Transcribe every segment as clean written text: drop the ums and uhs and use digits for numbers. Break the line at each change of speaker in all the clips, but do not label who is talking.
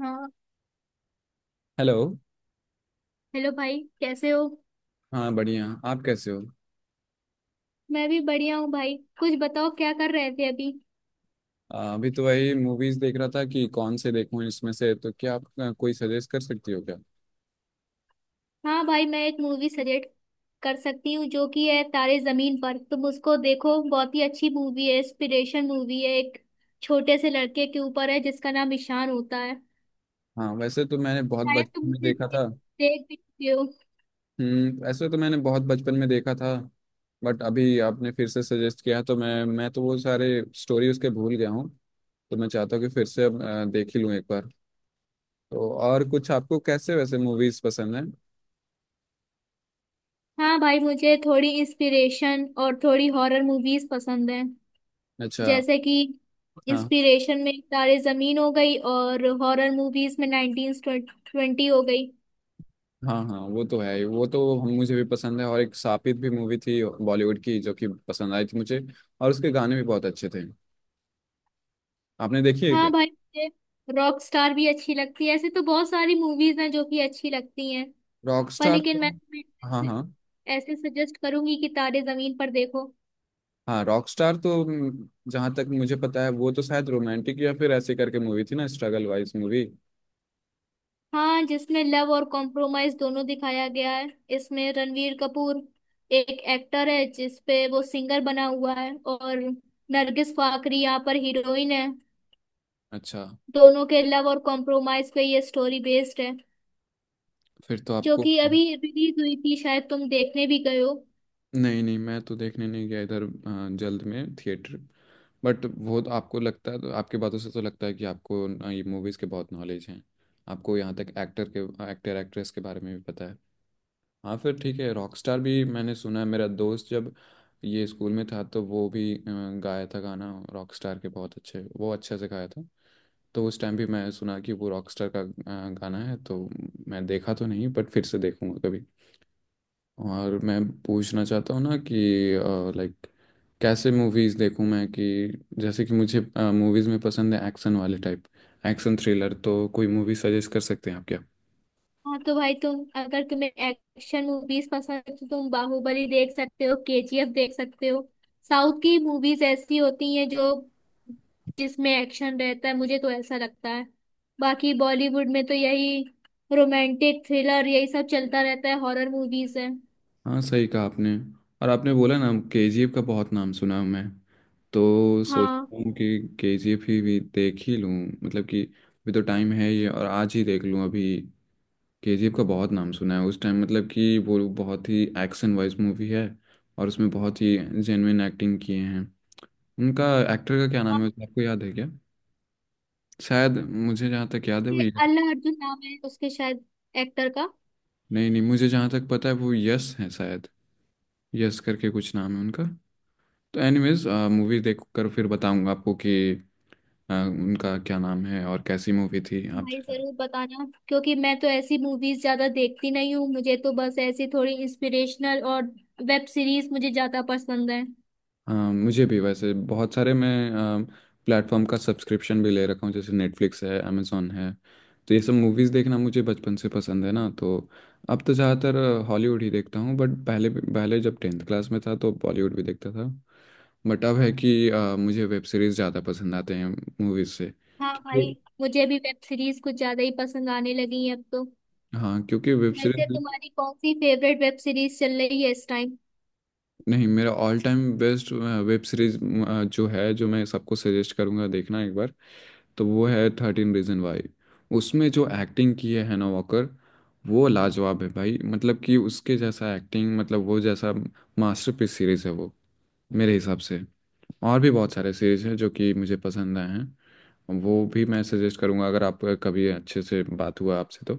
हाँ।
Hello.
Hello भाई, कैसे हो?
हाँ, बढ़िया। आप कैसे हो?
मैं भी बढ़िया हूँ भाई। कुछ बताओ, क्या कर रहे थे अभी?
अभी तो वही मूवीज देख रहा था कि कौन से देखूं इसमें से। तो क्या आप कोई सजेस्ट कर सकती हो क्या?
हाँ भाई, मैं एक मूवी सजेस्ट कर सकती हूँ जो कि है तारे जमीन पर। तुम उसको देखो, बहुत ही अच्छी मूवी है। इंस्पिरेशन मूवी है, एक छोटे से लड़के के ऊपर है जिसका नाम ईशान होता है।
हाँ, वैसे तो मैंने बहुत
शायद
बचपन
तुम
में
उसे
देखा था।
देख भी चुके हो।
वैसे तो मैंने बहुत बचपन में देखा था। बट अभी आपने फिर से सजेस्ट किया तो मैं तो वो सारे स्टोरी उसके भूल गया हूँ। तो मैं चाहता हूँ कि फिर से अब देख ही लूँ एक बार। तो और कुछ आपको कैसे वैसे मूवीज पसंद है?
हाँ भाई, मुझे थोड़ी इंस्पिरेशन और थोड़ी हॉरर मूवीज पसंद है।
अच्छा।
जैसे कि
हाँ,
इंस्पिरेशन में तारे जमीन हो गई, और हॉरर मूवीज में 1920 हो गई।
हाँ, हाँ, वो तो है ही। वो तो हम मुझे भी पसंद है, और एक सापित भी मूवी थी बॉलीवुड की जो कि पसंद आई थी मुझे। और उसके गाने भी बहुत अच्छे थे। आपने देखी है क्या?
हाँ भाई, मुझे रॉक स्टार भी अच्छी लगती है। ऐसे तो बहुत सारी मूवीज हैं जो कि अच्छी लगती हैं, पर
रॉकस्टार
लेकिन मैं
तो। हाँ,
तुम्हें
हाँ,
ऐसे सजेस्ट करूंगी कि तारे जमीन पर देखो।
हाँ, रॉकस्टार तो जहाँ तक मुझे पता है वो तो शायद रोमांटिक या फिर ऐसे करके मूवी थी ना, स्ट्रगल वाइज मूवी।
हाँ, जिसमें लव और कॉम्प्रोमाइज दोनों दिखाया गया है। इसमें रणवीर कपूर एक एक्टर है जिसपे वो सिंगर बना हुआ है, और नरगिस फाकरी यहाँ पर हीरोइन है।
अच्छा।
दोनों के लव और कॉम्प्रोमाइज पे ये स्टोरी बेस्ड है,
फिर तो
जो
आपको।
कि अभी रिलीज हुई थी। शायद तुम देखने भी गए हो।
नहीं, नहीं, मैं तो देखने नहीं गया इधर जल्द में थिएटर। बट वो तो आपको लगता है, तो आपकी बातों से तो लगता है कि आपको ना ये मूवीज़ के बहुत नॉलेज हैं। आपको यहाँ तक एक्टर एक्ट्रेस के बारे में भी पता है। हाँ, फिर ठीक है। रॉकस्टार भी मैंने सुना है। मेरा दोस्त जब ये स्कूल में था तो वो भी गाया था गाना, रॉकस्टार के बहुत अच्छे वो अच्छे से गाया था। तो उस टाइम भी मैं सुना कि वो रॉकस्टार का गाना है। तो मैं देखा तो नहीं बट फिर से देखूंगा कभी। और मैं पूछना चाहता हूँ ना कि लाइक कैसे मूवीज़ देखूँ मैं, कि जैसे कि मुझे मूवीज़ में पसंद है एक्शन वाले टाइप। एक्शन थ्रिलर तो कोई मूवी सजेस्ट कर सकते हैं आप क्या?
हाँ तो भाई, तुम अगर तुम्हें एक्शन मूवीज पसंद है तो तुम बाहुबली देख सकते हो, केजीएफ देख सकते हो। साउथ की मूवीज ऐसी होती हैं जो जिसमें एक्शन रहता है, मुझे तो ऐसा लगता है। बाकी बॉलीवुड में तो यही रोमांटिक थ्रिलर, यही सब चलता रहता है, हॉरर मूवीज है।
हाँ, सही कहा आपने। और आपने बोला ना, केजीएफ का बहुत नाम सुना है मैं। तो सोच
हाँ,
रहा हूँ कि केजीएफ ही भी देख ही लूँ। मतलब कि अभी तो टाइम है ये, और आज ही देख लूँ अभी। केजीएफ का बहुत नाम सुना है उस टाइम, मतलब कि वो बहुत ही एक्शन वाइज मूवी है। और उसमें बहुत ही जेन्युइन एक्टिंग किए हैं उनका। एक्टर का क्या
और
नाम है, आपको याद है क्या? शायद मुझे जहाँ तक याद है वो
ये
यश।
अल्ला अर्जुन नाम है उसके शायद, एक्टर का।
नहीं, नहीं, मुझे जहाँ तक पता है वो यश है शायद। यश करके कुछ नाम है उनका। तो एनीवेज, मूवी देख कर फिर बताऊंगा आपको कि उनका क्या नाम है और कैसी मूवी थी आप।
भाई जरूर बताना, क्योंकि मैं तो ऐसी मूवीज ज्यादा देखती नहीं हूँ। मुझे तो बस ऐसी थोड़ी इंस्पिरेशनल, और वेब सीरीज मुझे ज्यादा पसंद है।
हाँ, मुझे भी वैसे बहुत सारे मैं प्लेटफॉर्म का सब्सक्रिप्शन भी ले रखा हूँ, जैसे नेटफ्लिक्स है, amazon है। तो ये सब मूवीज़ देखना मुझे बचपन से पसंद है ना, तो अब तो ज़्यादातर हॉलीवुड ही देखता हूँ। बट पहले पहले जब टेंथ क्लास में था तो बॉलीवुड भी देखता था। बट अब है कि मुझे वेब सीरीज़ ज़्यादा पसंद आते हैं मूवीज़ से।
हाँ भाई,
क्योंकि
मुझे भी वेब सीरीज कुछ ज्यादा ही पसंद आने लगी है अब तो।
हाँ, क्योंकि वेब
वैसे
सीरीज
तुम्हारी कौन सी फेवरेट वेब सीरीज चल रही है इस टाइम?
नहीं, मेरा all time best web series जो है, जो मैं सबको सजेस्ट करूँगा देखना एक बार, तो वो है थर्टीन रीजन वाई। उसमें जो एक्टिंग की है हैना वॉकर, वो लाजवाब है भाई। मतलब कि उसके जैसा एक्टिंग, मतलब वो जैसा मास्टरपीस सीरीज है वो, मेरे हिसाब से। और भी बहुत सारे सीरीज हैं जो कि मुझे पसंद आए हैं, वो भी मैं सजेस्ट करूंगा अगर आप कभी अच्छे से बात हुआ आपसे तो।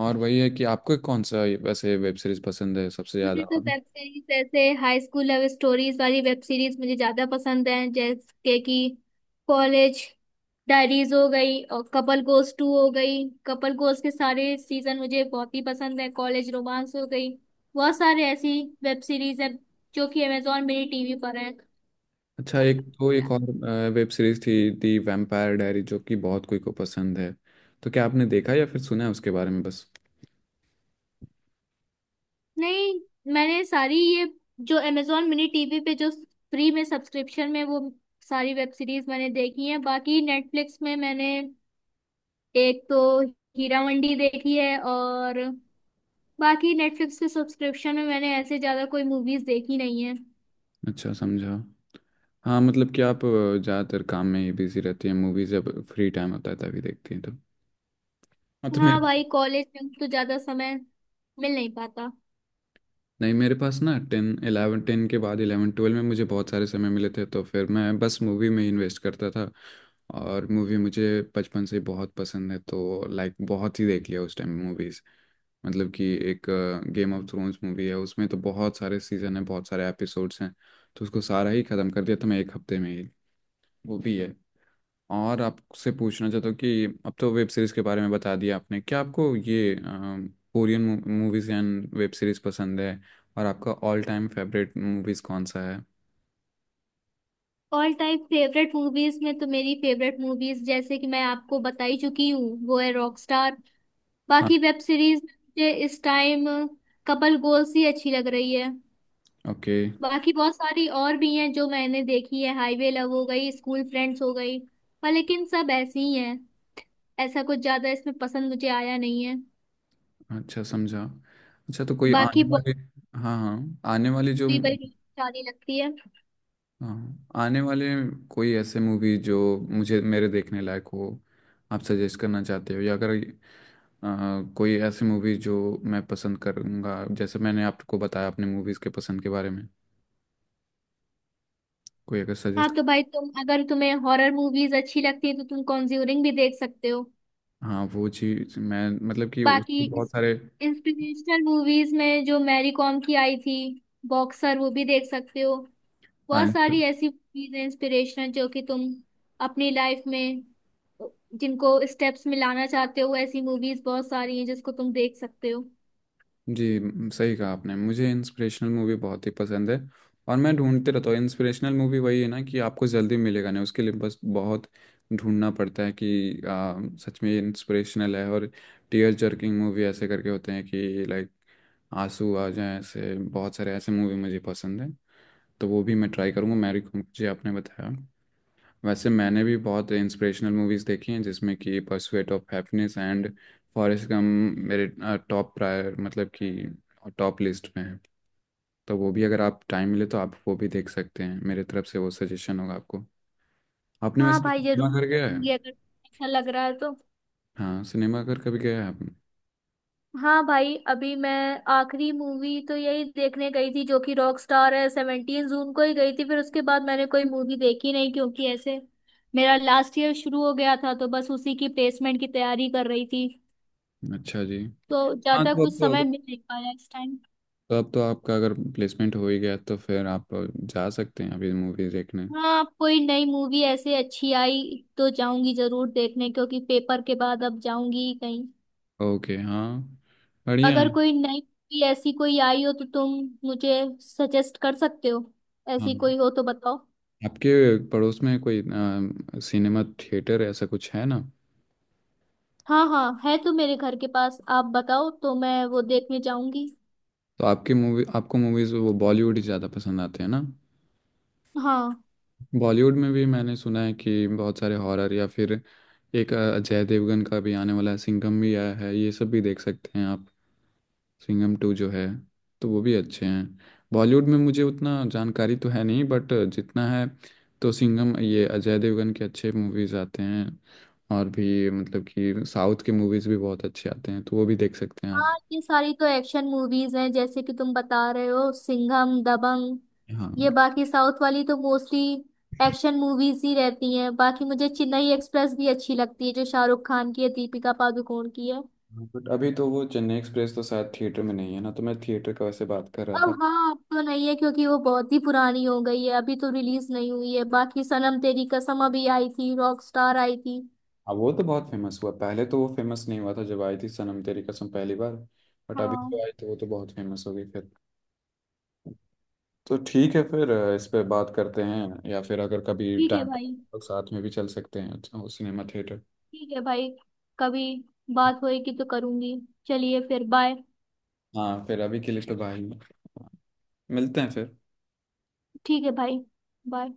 और वही है कि आपको कौन सा वैसे वेब सीरीज पसंद है सबसे ज़्यादा
मुझे तो
और।
वेब सीरीज जैसे हाई स्कूल लव स्टोरीज वाली वेब सीरीज मुझे ज्यादा पसंद है। जैसे कि कॉलेज डायरीज हो गई, और कपल गोस टू हो गई। कपल गोस के सारे सीजन मुझे बहुत ही पसंद है। कॉलेज रोमांस हो गई, बहुत सारे ऐसी वेब सीरीज है जो कि अमेजोन मिनी टीवी पर है।
अच्छा, एक तो एक और वेब सीरीज थी दी वैम्पायर डायरी, जो कि बहुत कोई को पसंद है। तो क्या आपने देखा या फिर सुना है उसके बारे में बस?
नहीं, मैंने सारी ये जो अमेजोन मिनी टीवी पे जो फ्री में सब्सक्रिप्शन में, वो सारी वेब सीरीज मैंने देखी है। बाकी नेटफ्लिक्स में मैंने एक तो हीरा मंडी देखी है, और बाकी नेटफ्लिक्स के सब्सक्रिप्शन में मैंने ऐसे ज्यादा कोई मूवीज देखी नहीं है।
अच्छा, समझा। हाँ, मतलब कि आप ज़्यादातर काम में ही बिजी रहती हैं, मूवीज जब फ्री टाइम होता है तभी देखती हैं तो। हाँ, तो मेरे,
हाँ भाई, कॉलेज में तो ज्यादा समय मिल नहीं पाता।
नहीं, मेरे पास ना 10 11, 10 के बाद 11 12 में मुझे बहुत सारे समय मिले थे, तो फिर मैं बस मूवी में इन्वेस्ट करता था। और मूवी मुझे बचपन से बहुत पसंद है तो लाइक बहुत ही देख लिया उस टाइम मूवीज़। मतलब कि एक गेम ऑफ थ्रोन्स मूवी है, उसमें तो बहुत सारे सीजन है, बहुत सारे एपिसोड्स हैं। तो उसको सारा ही ख़त्म कर दिया था मैं एक हफ्ते में ही। वो भी है। और आपसे पूछना चाहता हूँ कि अब तो वेब सीरीज के बारे में बता दिया आपने, क्या आपको ये Korean movies and web series पसंद है? और आपका ऑल टाइम फेवरेट मूवीज कौन सा है?
ऑल टाइम फेवरेट मूवीज में तो मेरी फेवरेट मूवीज, जैसे कि मैं आपको बता ही चुकी हूँ, वो है रॉकस्टार।
हाँ।
बाकी वेब सीरीज मुझे इस टाइम कपल गोल्स ही अच्छी लग रही है।
ओके।
बाकी बहुत सारी और भी हैं जो मैंने देखी है, हाईवे लव हो गई, स्कूल फ्रेंड्स हो गई, पर लेकिन सब ऐसी ही हैं। ऐसा कुछ ज्यादा इसमें पसंद मुझे आया नहीं है।
अच्छा, समझा। अच्छा, तो कोई
बाकी
आने
बॉबी
वाले। हाँ, हाँ, आने वाली जो।
बड़ी सारी लगती है।
हाँ, आने वाले कोई ऐसे मूवी जो मुझे मेरे देखने लायक हो, आप सजेस्ट करना चाहते हो? या अगर कोई ऐसी मूवी जो मैं पसंद करूँगा, जैसे मैंने आपको बताया अपने मूवीज़ के पसंद के बारे में, कोई अगर
हाँ
सजेस्ट।
तो भाई, तुम अगर तुम्हें हॉरर मूवीज अच्छी लगती है तो तुम कॉन्ज्यूरिंग भी देख सकते हो।
हाँ, वो चीज़ मैं मतलब कि
बाकी
उसके बहुत
इस
सारे।
इंस्पिरेशनल मूवीज में जो मैरी कॉम की आई थी, बॉक्सर, वो भी देख सकते हो।
हाँ,
बहुत सारी ऐसी मूवीज हैं इंस्पिरेशनल, जो कि तुम अपनी लाइफ में जिनको स्टेप्स में लाना चाहते हो, ऐसी मूवीज बहुत सारी हैं जिसको तुम देख सकते हो।
जी, सही कहा आपने, मुझे इंस्पिरेशनल मूवी बहुत ही पसंद है। और मैं ढूंढते रहता हूँ इंस्पिरेशनल मूवी, वही है ना कि आपको जल्दी मिलेगा नहीं, उसके लिए बस बहुत ढूंढना पड़ता है कि सच में इंस्पिरेशनल है। और टीयर जर्किंग मूवी ऐसे करके होते हैं कि लाइक आंसू आ जाए, ऐसे बहुत सारे ऐसे मूवी मुझे पसंद है। तो वो भी मैं ट्राई करूँगा मैरी मुझे आपने बताया। वैसे मैंने भी बहुत इंस्पिरेशनल मूवीज देखी हैं, जिसमें कि pursuit of happiness and Forrest Gump मेरे टॉप प्रायर, मतलब कि टॉप लिस्ट में है। तो वो भी अगर आप टाइम मिले तो आप वो भी देख सकते हैं, मेरे तरफ से वो सजेशन होगा आपको। आपने
हाँ
वैसे
भाई,
सिनेमा
जरूर
घर गया है?
देखूंगी अगर ऐसा लग रहा है तो।
हाँ, सिनेमा घर कभी गया है आपने?
हाँ भाई, अभी मैं आखिरी मूवी तो यही देखने गई थी जो कि रॉक स्टार है, 17 जून को ही गई थी। फिर उसके बाद मैंने कोई मूवी देखी नहीं, क्योंकि ऐसे मेरा लास्ट ईयर शुरू हो गया था, तो बस उसी की प्लेसमेंट की तैयारी कर रही थी।
अच्छा जी।
तो
हाँ,
ज्यादा
तो अब
कुछ
तो अगर,
समय मिल नहीं पाया इस टाइम।
तो अब तो आपका अगर प्लेसमेंट हो ही गया तो फिर आप जा सकते हैं अभी मूवी देखने।
हाँ, अब कोई नई मूवी ऐसे अच्छी आई तो जाऊंगी जरूर देखने, क्योंकि पेपर के बाद अब जाऊंगी कहीं।
ओके, हाँ। बढ़िया है।
अगर कोई नई मूवी ऐसी कोई आई हो तो तुम मुझे सजेस्ट कर सकते हो। ऐसी
हाँ,
कोई हो तो बताओ।
आपके पड़ोस में कोई सिनेमा थिएटर ऐसा कुछ है ना?
हाँ हाँ, है तो मेरे घर के पास, आप बताओ तो मैं वो देखने जाऊंगी।
तो आपकी मूवी, आपको मूवीज़ वो बॉलीवुड ही ज़्यादा पसंद आते हैं ना?
हाँ।
बॉलीवुड में भी मैंने सुना है कि बहुत सारे हॉरर, या फिर एक अजय देवगन का भी आने वाला है, सिंघम भी आया है, ये सब भी देख सकते हैं आप। सिंघम टू जो है, तो वो भी अच्छे हैं। बॉलीवुड में मुझे उतना जानकारी तो है नहीं, बट जितना है तो सिंघम, ये अजय देवगन के अच्छे मूवीज आते हैं। और भी मतलब कि साउथ के मूवीज भी बहुत अच्छे आते हैं, तो वो भी देख सकते हैं आप।
हाँ, ये सारी तो एक्शन मूवीज हैं जैसे कि तुम बता रहे हो, सिंघम, दबंग,
हाँ।
ये। बाकी साउथ वाली तो मोस्टली एक्शन मूवीज ही रहती हैं। बाकी मुझे चेन्नई एक्सप्रेस भी अच्छी लगती है, जो शाहरुख खान की है, दीपिका पादुकोण की है।
बट अभी तो वो चेन्नई एक्सप्रेस तो शायद थिएटर में नहीं है ना, तो मैं थिएटर का वैसे बात कर रहा
अब
था।
हाँ, अब तो नहीं है क्योंकि वो बहुत ही पुरानी हो गई है, अभी तो रिलीज नहीं हुई है। बाकी सनम तेरी कसम अभी आई थी, रॉक स्टार आई थी।
अब वो तो बहुत फेमस हुआ, पहले तो वो फेमस नहीं हुआ था जब आई थी सनम तेरी कसम पहली बार। बट अभी
हाँ।
तो आई तो वो तो बहुत फेमस हो गई फिर। तो ठीक है फिर, इस पे बात करते हैं, या फिर अगर कभी
ठीक है
टाइम
भाई।
तो साथ में भी चल सकते हैं। अच्छा, वो सिनेमा थिएटर।
ठीक है भाई, कभी बात होएगी तो करूंगी। चलिए फिर, बाय।
हाँ, फिर अभी के लिए तो भाई मिलते हैं फिर।
ठीक है भाई, बाय।